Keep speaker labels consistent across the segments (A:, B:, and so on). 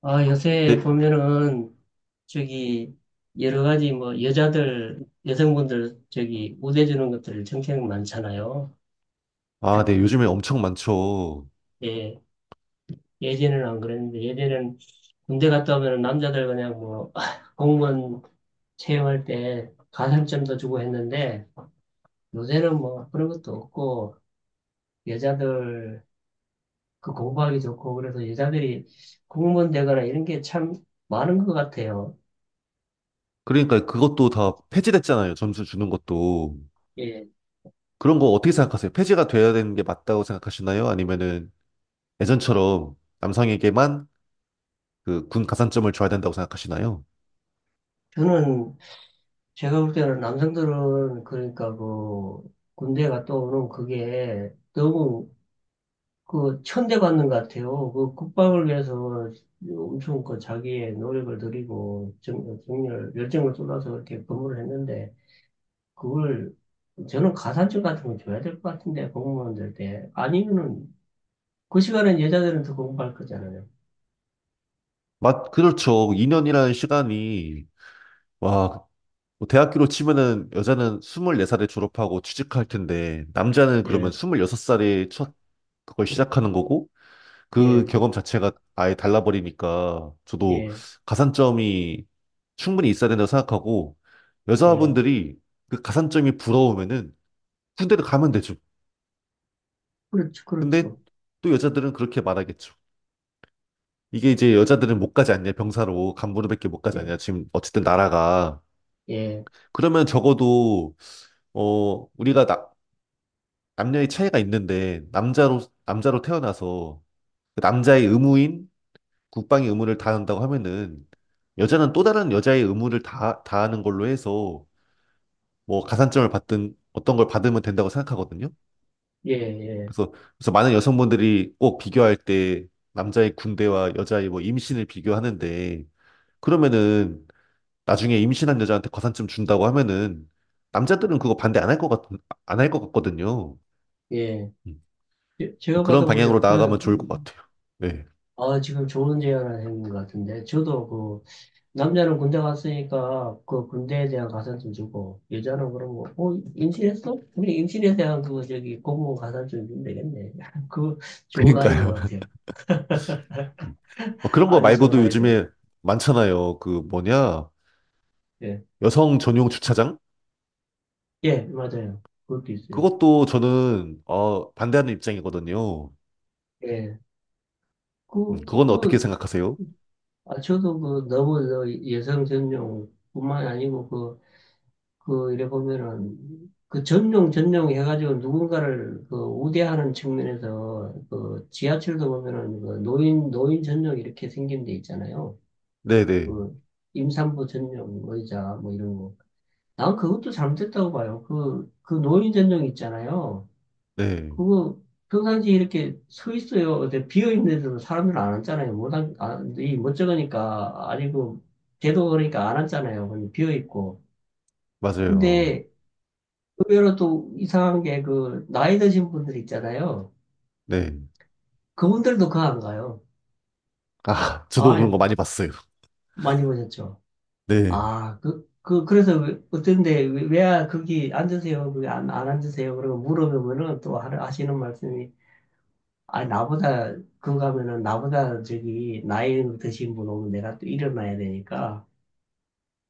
A: 아, 요새
B: 네,
A: 보면은, 저기, 여러 가지 뭐, 여자들, 여성분들, 저기, 우대주는 것들 정책 많잖아요.
B: 아, 네, 요즘에 엄청 많죠.
A: 예, 예전에는 안 그랬는데, 예전에는 군대 갔다 오면은 남자들 그냥 뭐, 공무원 채용할 때 가산점도 주고 했는데, 요새는 뭐, 그런 것도 없고, 여자들, 그 공부하기 좋고, 그래서 여자들이 공무원 되거나 이런 게 참 많은 것 같아요.
B: 그러니까 그것도 다 폐지됐잖아요. 점수 주는 것도.
A: 예,
B: 그런 거 어떻게 생각하세요? 폐지가 돼야 되는 게 맞다고 생각하시나요? 아니면은 예전처럼 남성에게만 그 군 가산점을 줘야 된다고 생각하시나요?
A: 저는 제가 볼 때는 남성들은 그러니까 그 군대 갔다 오는 그게 너무 그 천대받는 것 같아요. 그 국방을 위해서 엄청 그 자기의 노력을 들이고 정, 정열 열정을 쏟아서 이렇게 근무를 했는데 그걸 저는 가산점 같은 거 줘야 될 것 같은데 공무원들 때 아니면은 그 시간엔 여자들은 더 공부할 거잖아요.
B: 그렇죠. 2년이라는 시간이, 와, 뭐 대학교로 치면은 여자는 24살에 졸업하고 취직할 텐데, 남자는 그러면
A: 예,
B: 26살에 첫 그걸 시작하는 거고, 그
A: 예,
B: 경험 자체가 아예 달라버리니까 저도
A: 예,
B: 가산점이 충분히 있어야 된다고 생각하고
A: 예.
B: 여자분들이 그 가산점이 부러우면은 군대를 가면 되죠.
A: 그렇죠,
B: 근데
A: 그렇죠.
B: 또 여자들은 그렇게 말하겠죠. 이게 이제 여자들은 못 가지 않냐, 병사로. 간부로밖에 못 가지
A: 예,
B: 않냐, 지금 어쨌든 나라가.
A: 예,
B: 그러면 적어도, 어, 우리가 남녀의 차이가 있는데, 남자로 태어나서, 그 남자의 의무인 국방의 의무를 다한다고 하면은 여자는 또 다른 여자의 의무를 다 다하는 걸로 해서 뭐 가산점을 받든 어떤 걸 받으면 된다고 생각하거든요.
A: 예, 예,
B: 그래서 그래서 많은 여성분들이 꼭 비교할 때 남자의 군대와 여자의 뭐 임신을 비교하는데 그러면은 나중에 임신한 여자한테 가산점 준다고 하면은 남자들은 그거 반대 안 할 것 같거든요.
A: 예.
B: 음.
A: 제-
B: 뭐
A: 제가
B: 그런
A: 봐서
B: 방향으로
A: 그래요. 그래,
B: 나아가면 좋을 것 같아요. 네.
A: 아, 지금 좋은 제안을 해것 같은데. 저도 그, 남자는 군대 갔으니까 그 군대에 대한 가산점 주고, 여자는 그럼 뭐, 어, 임신했어? 우리 임신에 대한 그거 저기 공무원 가산점 주면 되겠네. 그 좋은 아이디어
B: 그러니까요.
A: 같아요.
B: 음. 뭐 그런 거
A: 아주 좋은
B: 말고도
A: 아이디어 같아요.
B: 요즘에 많잖아요. 그 뭐냐?
A: 예,
B: 여성 전용 주차장?
A: 예, 맞아요. 그것도 있어요.
B: 그것도 저는 반대하는 입장이거든요.
A: 예, 그,
B: 그건 어떻게
A: 그,
B: 생각하세요?
A: 아, 저도 그 너무 저 여성 전용뿐만 아니고 그 그 이래 보면은 그 전용 해가지고 누군가를 그 우대하는 측면에서 그 지하철도 보면은 그 노인 전용 이렇게 생긴 데 있잖아요.
B: 네네.
A: 그 임산부 전용 뭐 의자 뭐 이런 거. 난 그것도 잘못됐다고 봐요. 그 노인 전용 있잖아요.
B: 네. 네.
A: 그거 평상시에 이렇게 서 있어요. 근데 비어 있는 데도 사람들 안 앉잖아요. 못 앉, 안, 이 멋쩍으니까 아니고 제도 그러니까 안 앉잖아요. 비어 있고.
B: 맞아요.
A: 근데 의외로 또 이상한 게 그 나이 드신 분들 있잖아요.
B: 네.
A: 그분들도 그 안 가요.
B: 아, 저도
A: 아,
B: 그런 거 많이 봤어요.
A: 많이 보셨죠?
B: 네.
A: 아, 그래서 어떤데, 왜 거기 앉으세요? 거기 안 앉으세요? 그러고 물어보면은 또 하시는 말씀이, 아, 나보다, 그거 가면은 나보다 저기 나이 드신 분 오면 내가 또 일어나야 되니까.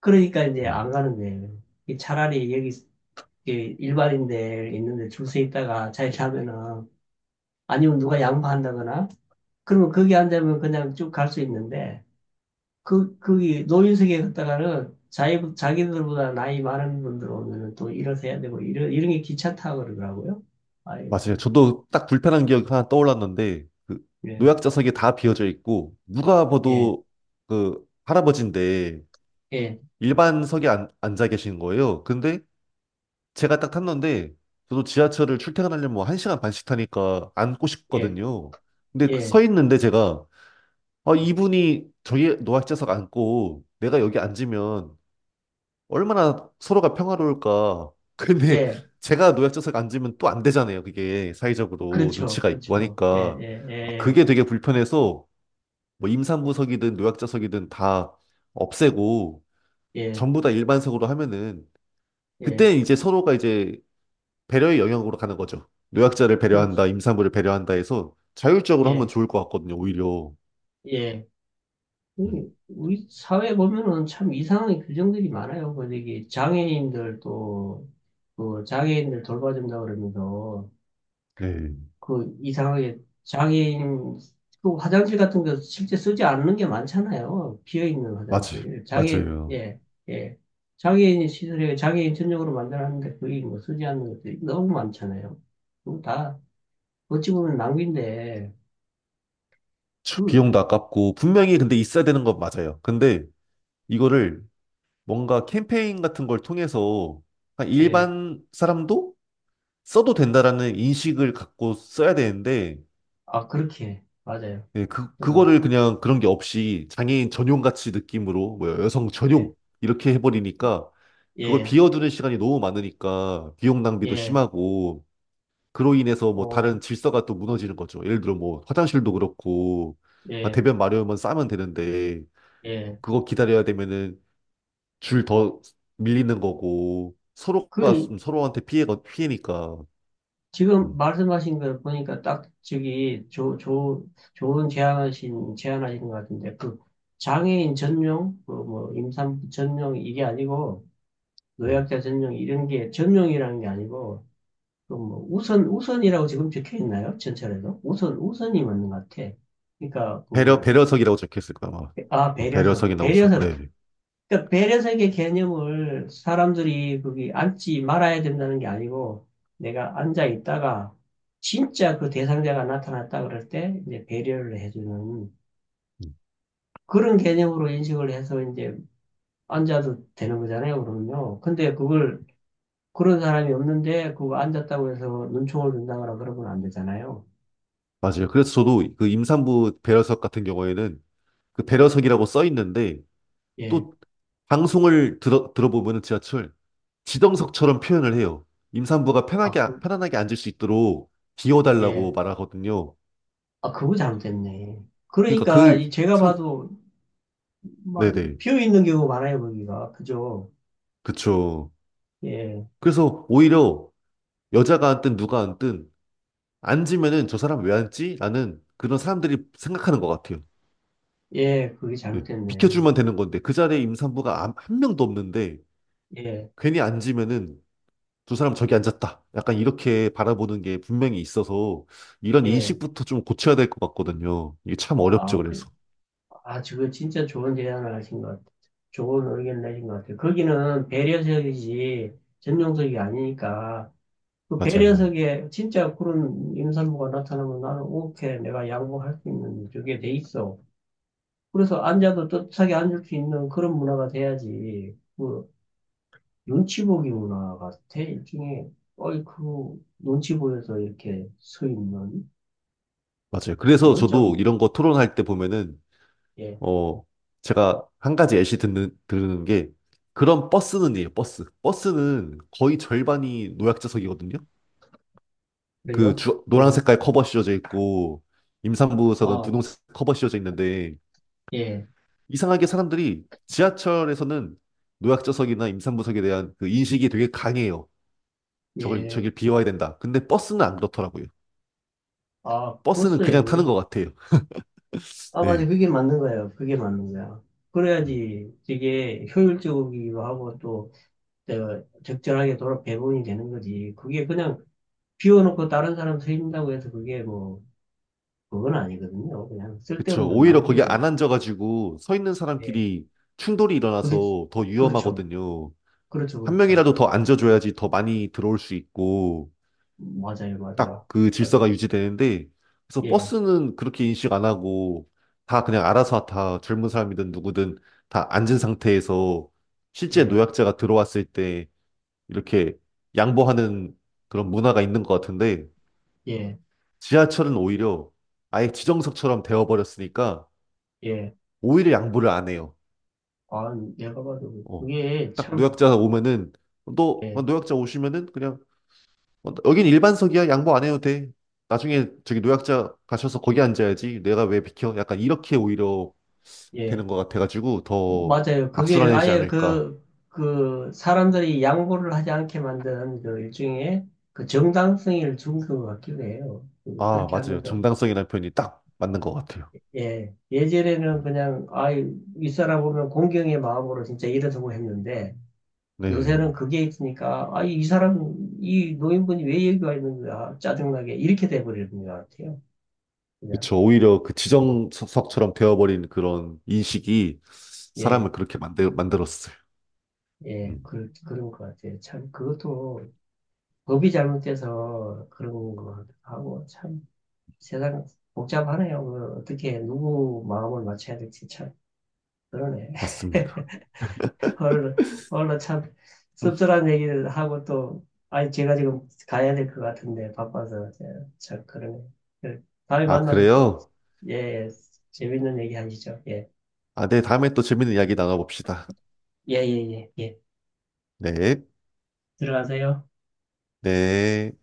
A: 그러니까 이제
B: 음,
A: 안 가는 데요 차라리 여기 이렇게 일반인들 있는데 줄 서 있다가 잘 자면은 아니면 누가 양보한다거나 그러면 거기 앉으면 그냥 쭉 갈 수 있는데, 그, 거기 노인석에 갔다가는 자기들보다 나이 많은 분들 오면은 또 일어서야 되고, 이런 게 귀찮다고 그러더라고요.
B: 맞아요.
A: 아이고,
B: 저도 딱 불편한 기억이 하나 떠올랐는데, 그
A: 예,
B: 노약자석이 다 비어져 있고, 누가
A: 예,
B: 봐도 그 할아버지인데
A: 예,
B: 일반석에 앉아 계신 거예요. 근데 제가 딱 탔는데 저도 지하철을 출퇴근하려면 뭐 1시간 반씩 타니까 앉고
A: 예,
B: 싶거든요. 근데 그서
A: 예,
B: 있는데 제가 아, 이분이 저기 노약자석 앉고 내가 여기 앉으면 얼마나 서로가 평화로울까. 근데
A: 예,
B: 제가 노약자석 앉으면 또 안 되잖아요. 그게 사회적으로
A: 그렇죠,
B: 눈치가 있고
A: 그렇죠, 예,
B: 하니까
A: 예,
B: 아,
A: 예,
B: 그게 되게 불편해서 뭐 임산부석이든 노약자석이든 다 없애고
A: 예,
B: 전부 다 일반석으로 하면은
A: 예,
B: 그때 이제 서로가 이제 배려의 영역으로 가는 거죠. 노약자를
A: 그렇죠,
B: 배려한다, 임산부를 배려한다 해서 자율적으로 하면
A: 예,
B: 좋을 것 같거든요, 오히려.
A: 예.
B: 음.
A: 우리 사회 보면은 참 이상한 규정들이 많아요. 뭐, 저기, 장애인들도, 그 장애인들 돌봐준다 그러면서,
B: 네,
A: 그 이상하게 장애인 그 화장실 같은 거 실제 쓰지 않는 게 많잖아요. 비어 있는
B: 맞아요.
A: 화장실. 장애
B: 맞아요.
A: 예, 예. 장애인 시설에 장애인 전용으로 만들었는데 거의 뭐 쓰지 않는 것들이 너무 많잖아요. 그거 다 어찌 보면 낭비인데
B: 참,
A: 그
B: 비용도 아깝고, 분명히 근데 있어야 되는 건 맞아요. 근데 이거를 뭔가 캠페인 같은 걸 통해서 그냥
A: 예.
B: 일반 사람도 써도 된다라는 인식을 갖고 써야 되는데,
A: 아, 그렇게 맞아요.
B: 네, 그,
A: 그래서
B: 그거를 그냥 그런 게 없이 장애인 전용 같이 느낌으로, 뭐 여성
A: 예.
B: 전용 이렇게 해버리니까 그걸
A: 예.
B: 비워두는 시간이 너무 많으니까 비용 낭비도
A: 예.
B: 심하고 그로 인해서 뭐 다른
A: 어.
B: 질서가 또 무너지는 거죠. 예를 들어 뭐 화장실도 그렇고 그러니까
A: 예.
B: 대변 마려우면 싸면 되는데
A: 예.
B: 그거 기다려야 되면은 줄 더 밀리는 거고 서로가
A: 그
B: 좀 서로한테 피해가 피해니까
A: 지금
B: 음,
A: 말씀하신 걸 보니까 딱 저기 좋은 제안하신, 제안하신 것 같은데, 그 장애인 전용, 그 뭐 임산부 전용 이게 아니고,
B: 예.
A: 노약자 전용 이런 게 전용이라는 게 아니고, 그뭐 우선이라고 지금 적혀 있나요? 전철에도? 우선이 맞는 것 같아. 그러니까
B: 배려
A: 그,
B: 배려석이라고 적혀있을 거야 아마
A: 아,
B: 어,
A: 배려석,
B: 배려석이 나오서
A: 배려석
B: 네
A: 그러니까 배려석의 개념을 사람들이 거기 앉지 말아야 된다는 게 아니고 내가 앉아 있다가 진짜 그 대상자가 나타났다 그럴 때 이제 배려를 해주는
B: 음,
A: 그런 개념으로 인식을 해서 이제 앉아도 되는 거잖아요, 그러면요. 근데 그걸 그런 사람이 없는데 그거 앉았다고 해서 눈총을 든다거나 그러면 안 되잖아요.
B: 맞아요. 그래서 저도 그 임산부 배려석 같은 경우에는 그 배려석이라고 써 있는데
A: 예.
B: 또 방송을 들어보면은 지하철 지정석처럼 표현을 해요. 임산부가
A: 아,
B: 편하게,
A: 그,
B: 편안하게 앉을 수 있도록 비워달라고
A: 예.
B: 말하거든요.
A: 아, 그거 잘못됐네.
B: 그러니까
A: 그러니까
B: 그
A: 이 제가
B: 상,
A: 봐도 막
B: 네네.
A: 비어 있는 경우 많아요, 거기가. 그죠?
B: 그쵸.
A: 예.
B: 그래서 오히려 여자가 앉든 누가 앉든 앉으면은 저 사람 왜 앉지? 라는 그런 사람들이 생각하는 것 같아요.
A: 예, 그게
B: 예,
A: 잘못됐네.
B: 비켜주면 되는 건데 그 자리에 임산부가 한 명도 없는데
A: 예,
B: 괜히 앉으면은 두 사람 저기 앉았다. 약간 이렇게 바라보는 게 분명히 있어서 이런
A: 예.
B: 인식부터 좀 고쳐야 될 것 같거든요. 이게 참 어렵죠,
A: 아, 그,
B: 그래서.
A: 아, 저거 진짜 좋은 제안을 하신 것 같아요. 좋은 의견을 내신 것 같아요. 거기는 배려석이지 전용석이 아니니까. 그
B: 맞아요.
A: 배려석에 진짜 그런 임산부가 나타나면 나는 오케이, 내가 양보할 수 있는 저게 돼 있어. 그래서 앉아도 떳떳하게 앉을 수 있는 그런 문화가 돼야지. 그 눈치 보기 문화가 돼, 일종의. 어이, 그 눈치 보여서 이렇게 서 있는
B: 맞아요. 그래서
A: 그건
B: 저도
A: 좀.
B: 이런 거 토론할 때 보면은,
A: 예.
B: 어, 제가 한 가지 예시 들은 게 그런 버스는 이에요, 버스. 버스는 거의 절반이 노약자석이거든요. 그
A: 그래요?
B: 주, 노란
A: 음.
B: 색깔 커버 씌워져 있고 임산부석은
A: 아,
B: 분홍색 커버 씌워져 있는데
A: 예,
B: 이상하게 사람들이 지하철에서는 노약자석이나 임산부석에 대한 그 인식이 되게 강해요. 저걸,
A: 예.
B: 저길 비워야 된다. 근데 버스는 안 그렇더라고요.
A: 아,
B: 버스는
A: 버스에
B: 그냥
A: 물?
B: 타는 것 같아요.
A: 아, 맞아.
B: 네.
A: 그게 맞는 거예요. 그게 맞는 거야.
B: 음.
A: 그래야지 되게 효율적이기도 하고 또 내가 적절하게 돌아 배분이 되는 거지. 그게 그냥 비워놓고 다른 사람 쓰인다고 해서 그게 뭐, 그건 아니거든요. 그냥
B: 그쵸.
A: 쓸데없는
B: 오히려 거기 안
A: 낭비지.
B: 앉아가지고 서 있는
A: 예.
B: 사람끼리 충돌이
A: 그렇,
B: 일어나서 더
A: 그렇죠.
B: 위험하거든요.
A: 그렇죠.
B: 한
A: 그렇죠.
B: 명이라도 더 앉아줘야지 더 많이 들어올 수 있고.
A: 맞아요. 맞아요.
B: 딱 그
A: 맞아요.
B: 질서가 유지되는데 그래서
A: 예,
B: 버스는 그렇게 인식 안 하고 다 그냥 알아서 다 젊은 사람이든 누구든 다 앉은 상태에서 실제
A: 예,
B: 노약자가 들어왔을 때 이렇게 양보하는 그런 문화가 있는 것 같은데
A: 예,
B: 지하철은 오히려 아예 지정석처럼 되어버렸으니까
A: 예.
B: 오히려 양보를 안 해요.
A: 아, 내가 봐도
B: 어.
A: 그게
B: 딱
A: 참,
B: 노약자 오면은 너
A: 예,
B: 노약자 오시면은 그냥 여긴 일반석이야. 양보 안 해도 돼. 나중에 저기 노약자 가셔서 거기 앉아야지. 내가 왜 비켜? 약간 이렇게 오히려 되는
A: 예.
B: 것 같아가지고 더
A: 맞아요. 그게
B: 악순환이지
A: 아예
B: 않을까.
A: 그, 그 사람들이 양보를 하지 않게 만든 그 일종의 그 정당성을 준 것 같기도 해요.
B: 아,
A: 그렇게
B: 맞아요.
A: 하면서.
B: 정당성이라는 표현이 딱 맞는 것 같아요.
A: 예. 예전에는 그냥, 아, 이 사람 보면 공경의 마음으로 진짜 일어서고 했는데,
B: 네.
A: 요새는 그게 있으니까, 아, 이 사람, 이 노인분이 왜 여기 와 있는 거야? 짜증나게. 이렇게 돼버리는 것 같아요. 그냥.
B: 그쵸. 오히려 그 지정석처럼 되어버린 그런 인식이 사람을
A: 예,
B: 그렇게 만들었어요.
A: 예.
B: 음,
A: 그, 그런 것 같아요. 참, 그것도 법이 잘못돼서 그런 것 같기도 하고, 참. 세상 복잡하네요. 그 어떻게 누구 마음을 맞춰야 될지 참 그러네.
B: 맞습니다.
A: 얼늘 얼른 참 씁쓸한 얘기를 하고 또 아니 제가 지금 가야 될 것 같은데 바빠서 참 그러네. 그 다음에
B: 아,
A: 만나서 또
B: 그래요?
A: 예, 예, 재밌는 얘기 하시죠. 예,
B: 아, 네. 다음에 또 재밌는 이야기 나눠봅시다.
A: 예, 예, 예, 예.
B: 네.
A: 들어가세요.
B: 네.